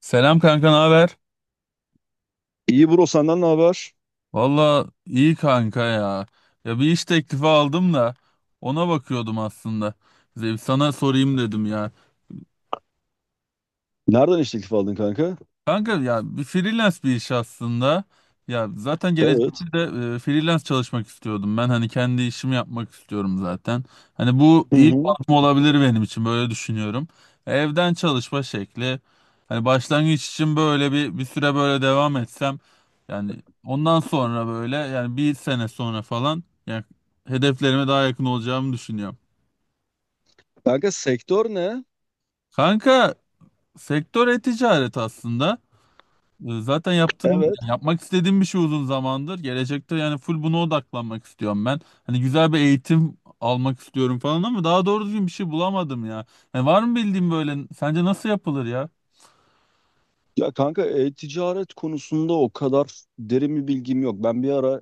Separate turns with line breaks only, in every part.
Selam kanka, ne haber?
İyi bro, senden ne haber?
Valla iyi kanka ya. Ya bir iş teklifi aldım da ona bakıyordum aslında. Size bir Sana sorayım dedim ya.
Nereden iş teklifi aldın kanka?
Kanka ya bir freelance bir iş aslında. Ya zaten
Evet.
gelecekte de freelance çalışmak istiyordum. Ben hani kendi işimi yapmak istiyorum zaten. Hani bu
Hı
iyi bir
hı.
adım olabilir benim için böyle düşünüyorum. Evden çalışma şekli. Hani başlangıç için böyle bir süre böyle devam etsem yani ondan sonra böyle yani bir sene sonra falan yani hedeflerime daha yakın olacağımı düşünüyorum.
Kanka sektör ne?
Kanka sektör e-ticaret aslında. Zaten yaptığım,
Evet.
yani yapmak istediğim bir şey uzun zamandır. Gelecekte yani full buna odaklanmak istiyorum ben. Hani güzel bir eğitim almak istiyorum falan ama daha doğru düzgün bir şey bulamadım ya. Yani var mı bildiğin böyle, sence nasıl yapılır ya?
Ya kanka e-ticaret konusunda o kadar derin bir bilgim yok. Ben bir ara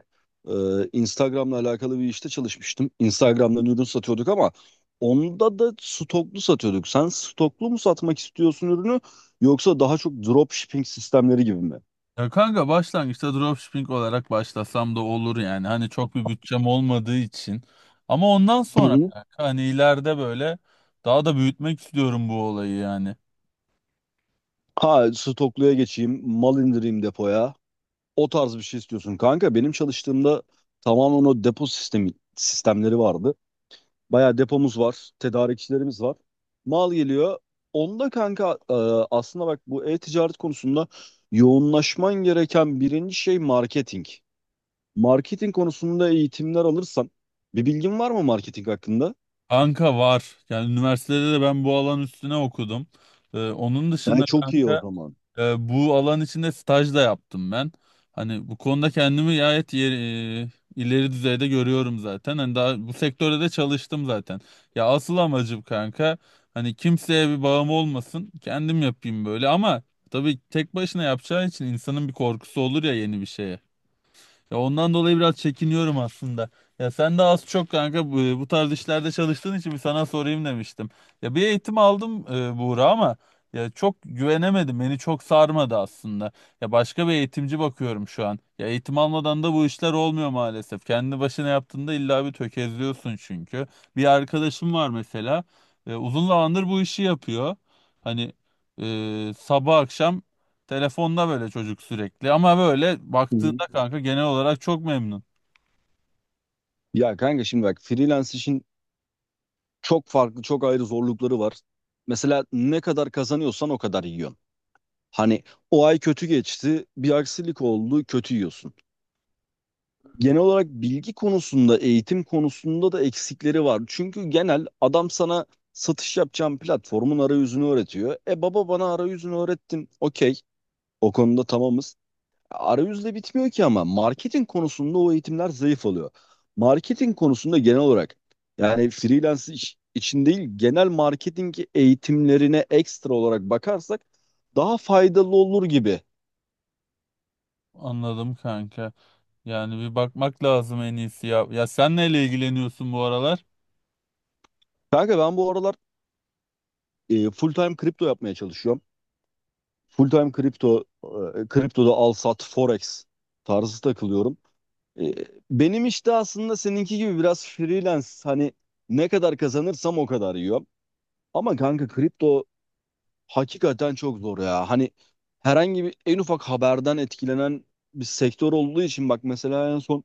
e, Instagram'la alakalı bir işte çalışmıştım. Instagram'dan ürün satıyorduk ama onda da stoklu satıyorduk. Sen stoklu mu satmak istiyorsun ürünü, yoksa daha çok dropshipping sistemleri gibi mi?
Ya kanka başlangıçta dropshipping olarak başlasam da olur yani. Hani çok bir bütçem olmadığı için. Ama ondan
Hı
sonra
hı.
kanka hani ileride böyle daha da büyütmek istiyorum bu olayı yani.
Ha, stokluya geçeyim, mal indireyim depoya. O tarz bir şey istiyorsun kanka. Benim çalıştığımda tamamen o depo sistemi sistemleri vardı. Bayağı depomuz var, tedarikçilerimiz var. Mal geliyor. Onda kanka aslında bak, bu e-ticaret konusunda yoğunlaşman gereken birinci şey marketing. Marketing konusunda eğitimler alırsan, bir bilgin var mı marketing hakkında?
Kanka var. Yani üniversitede de ben bu alan üstüne okudum. Onun
Yani
dışında
çok iyi o
kanka
zaman.
Bu alan içinde staj da yaptım ben. Hani bu konuda kendimi gayet ileri düzeyde görüyorum zaten. Hani daha bu sektörde de çalıştım zaten. Ya asıl amacım kanka hani kimseye bir bağım olmasın. Kendim yapayım böyle ama tabii tek başına yapacağı için insanın bir korkusu olur ya yeni bir şeye. Ya ondan dolayı biraz çekiniyorum aslında. Ya sen de az çok kanka bu tarz işlerde çalıştığın için bir sana sorayım demiştim. Ya bir eğitim aldım Buğra ama ya çok güvenemedim. Beni çok sarmadı aslında. Ya başka bir eğitimci bakıyorum şu an. Ya eğitim almadan da bu işler olmuyor maalesef. Kendi başına yaptığında illa bir tökezliyorsun çünkü. Bir arkadaşım var mesela. Uzun zamandır bu işi yapıyor. Hani sabah akşam telefonda böyle çocuk sürekli ama böyle
Hı hı.
baktığında kanka genel olarak çok memnun.
Ya kanka şimdi bak, freelance için çok farklı, çok ayrı zorlukları var. Mesela ne kadar kazanıyorsan o kadar yiyorsun. Hani o ay kötü geçti, bir aksilik oldu, kötü yiyorsun. Genel olarak bilgi konusunda, eğitim konusunda da eksikleri var. Çünkü genel adam sana satış yapacağın platformun arayüzünü öğretiyor. E baba, bana arayüzünü öğrettin. Okey, o konuda tamamız. Arayüzle bitmiyor ki ama marketing konusunda o eğitimler zayıf oluyor. Marketing konusunda genel olarak, yani freelance iş için değil, genel marketing eğitimlerine ekstra olarak bakarsak daha faydalı olur gibi.
Anladım kanka. Yani bir bakmak lazım en iyisi ya. Ya sen neyle ilgileniyorsun bu aralar?
Kanka ben bu aralar full time kripto yapmaya çalışıyorum. Full time kripto, kriptoda al sat, forex tarzı takılıyorum. E, benim işte aslında seninki gibi biraz freelance, hani ne kadar kazanırsam o kadar yiyorum. Ama kanka kripto hakikaten çok zor ya. Hani herhangi bir en ufak haberden etkilenen bir sektör olduğu için, bak mesela en son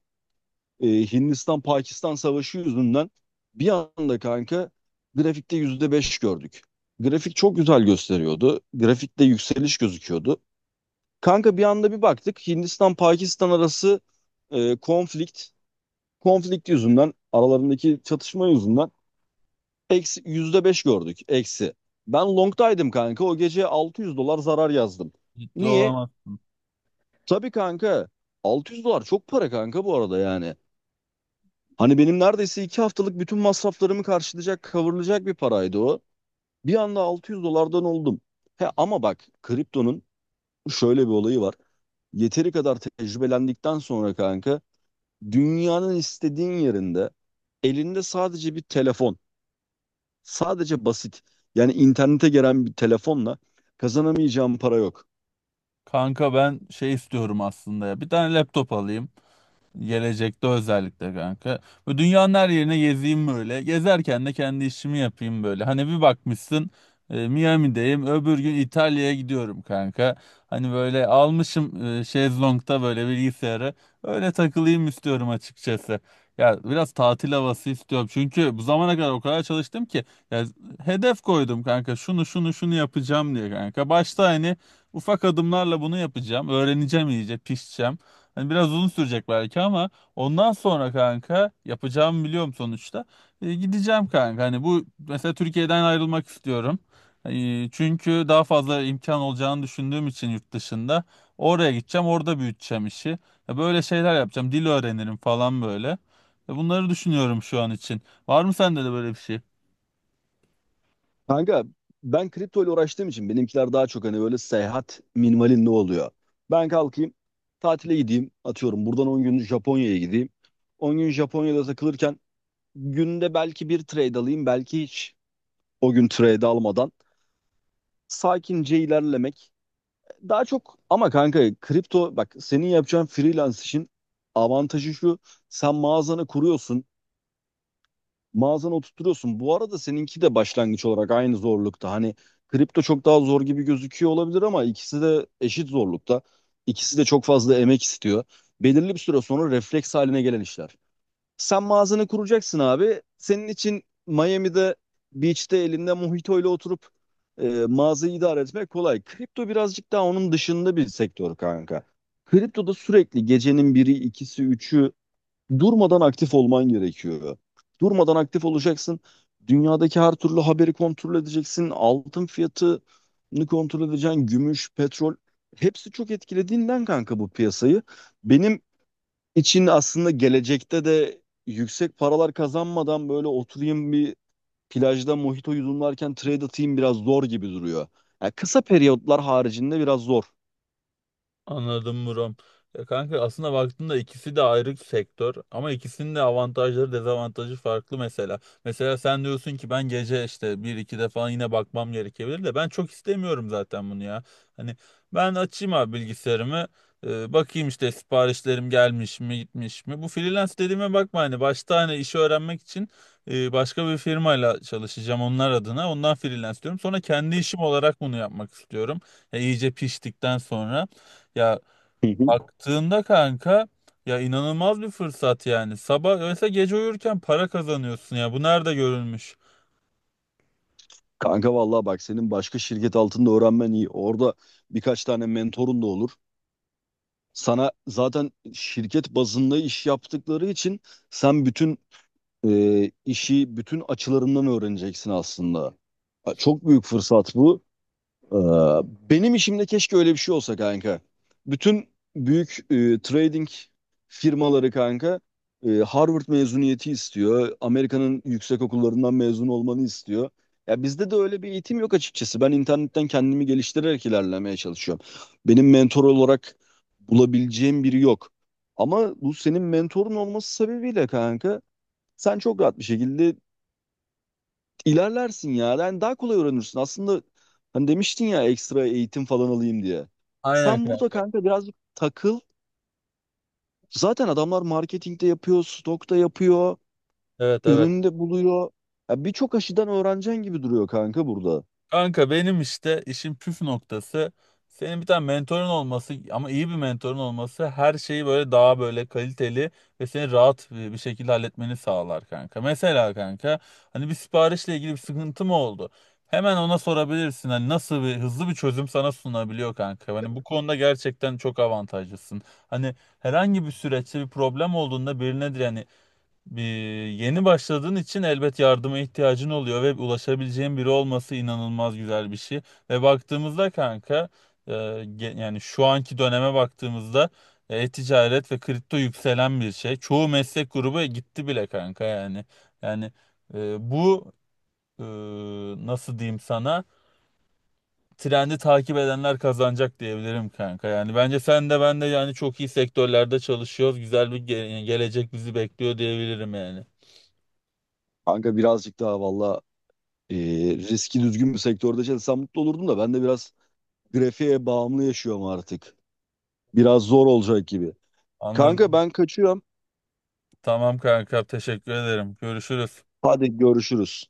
e, Hindistan-Pakistan savaşı yüzünden bir anda kanka grafikte %5 gördük. Grafik çok güzel gösteriyordu. Grafikte yükseliş gözüküyordu. Kanka bir anda bir baktık, Hindistan-Pakistan arası e, konflikt, konflikt yüzünden, aralarındaki çatışma yüzünden eksi %5 gördük, eksi. Ben long'daydım kanka, o gece 600 dolar zarar yazdım.
Ciddi
Niye?
olamaz.
Tabii kanka, 600 dolar çok para kanka bu arada yani. Hani benim neredeyse 2 haftalık bütün masraflarımı karşılayacak, kavurulacak bir paraydı o. Bir anda 600 dolardan oldum. He ama bak, kriptonun şöyle bir olayı var. Yeteri kadar tecrübelendikten sonra kanka, dünyanın istediğin yerinde, elinde sadece bir telefon, sadece basit, yani internete gelen bir telefonla kazanamayacağın para yok.
Kanka ben şey istiyorum aslında ya. Bir tane laptop alayım. Gelecekte özellikle kanka. Böyle dünyanın her yerine gezeyim böyle. Gezerken de kendi işimi yapayım böyle. Hani bir bakmışsın Miami'deyim. Öbür gün İtalya'ya gidiyorum kanka. Hani böyle almışım şezlongta böyle bilgisayarı. Öyle takılayım istiyorum açıkçası. Ya biraz tatil havası istiyorum. Çünkü bu zamana kadar o kadar çalıştım ki. Ya hedef koydum kanka. Şunu şunu şunu yapacağım diye kanka. Başta hani ufak adımlarla bunu yapacağım. Öğreneceğim iyice, pişeceğim. Hani biraz uzun sürecek belki ama ondan sonra kanka yapacağımı biliyorum sonuçta. Gideceğim kanka. Hani bu mesela Türkiye'den ayrılmak istiyorum. Çünkü daha fazla imkan olacağını düşündüğüm için yurt dışında oraya gideceğim, orada büyüteceğim işi. Ya böyle şeyler yapacağım. Dil öğrenirim falan böyle. Bunları düşünüyorum şu an için. Var mı sende de böyle bir şey?
Kanka ben kripto ile uğraştığım için benimkiler daha çok hani böyle seyahat minimalinde oluyor. Ben kalkayım tatile gideyim, atıyorum buradan 10 gün Japonya'ya gideyim. 10 gün Japonya'da takılırken günde belki bir trade alayım, belki hiç o gün trade almadan sakince ilerlemek. Daha çok ama kanka kripto, bak senin yapacağın freelance için avantajı şu: sen mağazanı kuruyorsun, mağazana oturtuyorsun. Bu arada seninki de başlangıç olarak aynı zorlukta. Hani kripto çok daha zor gibi gözüküyor olabilir ama ikisi de eşit zorlukta. İkisi de çok fazla emek istiyor. Belirli bir süre sonra refleks haline gelen işler. Sen mağazanı kuracaksın abi. Senin için Miami'de beach'te elinde mojito ile oturup mağazayı idare etmek kolay. Kripto birazcık daha onun dışında bir sektör kanka. Kriptoda sürekli gecenin biri, ikisi, üçü, durmadan aktif olman gerekiyor. Durmadan aktif olacaksın. Dünyadaki her türlü haberi kontrol edeceksin. Altın fiyatını kontrol edeceksin. Gümüş, petrol. Hepsi çok etkilediğinden kanka bu piyasayı. Benim için aslında gelecekte de yüksek paralar kazanmadan böyle oturayım, bir plajda mojito yudumlarken trade atayım biraz zor gibi duruyor. Yani kısa periyotlar haricinde biraz zor.
Anladım Murat. Ya kanka aslında baktığında ikisi de ayrı sektör ama ikisinin de avantajları dezavantajı farklı mesela. Mesela sen diyorsun ki ben gece işte bir iki de falan yine bakmam gerekebilir de ben çok istemiyorum zaten bunu ya. Hani ben açayım abi bilgisayarımı bakayım işte siparişlerim gelmiş mi gitmiş mi. Bu freelance dediğime bakma hani başta hani işi öğrenmek için başka bir firmayla çalışacağım onlar adına ondan freelance diyorum. Sonra kendi işim olarak bunu yapmak istiyorum. Ya iyice piştikten sonra. Ya
Hı hı.
baktığında kanka ya inanılmaz bir fırsat yani. Sabah mesela gece uyurken para kazanıyorsun ya. Bu nerede görülmüş?
Kanka vallahi bak, senin başka şirket altında öğrenmen iyi. Orada birkaç tane mentorun da olur. Sana zaten şirket bazında iş yaptıkları için sen bütün işi bütün açılarından öğreneceksin aslında. Ha, çok büyük fırsat bu. Ee, Benim işimde keşke öyle bir şey olsa kanka. Bütün büyük trading firmaları kanka Harvard mezuniyeti istiyor. Amerika'nın yüksek okullarından mezun olmanı istiyor. Ya bizde de öyle bir eğitim yok açıkçası. Ben internetten kendimi geliştirerek ilerlemeye çalışıyorum. Benim mentor olarak bulabileceğim biri yok. Ama bu senin mentorun olması sebebiyle kanka, sen çok rahat bir şekilde ilerlersin ya. Yani daha kolay öğrenirsin. Aslında hani demiştin ya, ekstra eğitim falan alayım diye.
Aynen
Sen burada
kanka.
kanka birazcık takıl. Zaten adamlar marketingde yapıyor, stokta yapıyor,
Evet, evet.
üründe buluyor. Ya birçok aşıdan öğreneceksin gibi duruyor kanka burada.
Kanka benim işte işin püf noktası senin bir tane mentorun olması ama iyi bir mentorun olması her şeyi böyle daha böyle kaliteli ve seni rahat bir şekilde halletmeni sağlar kanka. Mesela kanka hani bir siparişle ilgili bir sıkıntı mı oldu? Hemen ona sorabilirsin hani nasıl bir hızlı bir çözüm sana sunabiliyor kanka. Hani bu konuda gerçekten çok avantajlısın. Hani herhangi bir süreçte bir problem olduğunda birine diren bir, yeni başladığın için elbet yardıma ihtiyacın oluyor ve ulaşabileceğin biri olması inanılmaz güzel bir şey. Ve baktığımızda kanka yani şu anki döneme baktığımızda e-ticaret ve kripto yükselen bir şey. Çoğu meslek grubu gitti bile kanka yani. Yani bu e, nasıl diyeyim sana trendi takip edenler kazanacak diyebilirim kanka. Yani bence sen de ben de yani çok iyi sektörlerde çalışıyoruz. Güzel bir gelecek bizi bekliyor diyebilirim yani.
Kanka birazcık daha valla e, riski düzgün bir sektörde çalışsam mutlu olurdum da, ben de biraz grafiğe bağımlı yaşıyorum artık. Biraz zor olacak gibi. Kanka
Anladım.
ben kaçıyorum.
Tamam kanka teşekkür ederim. Görüşürüz.
Hadi görüşürüz.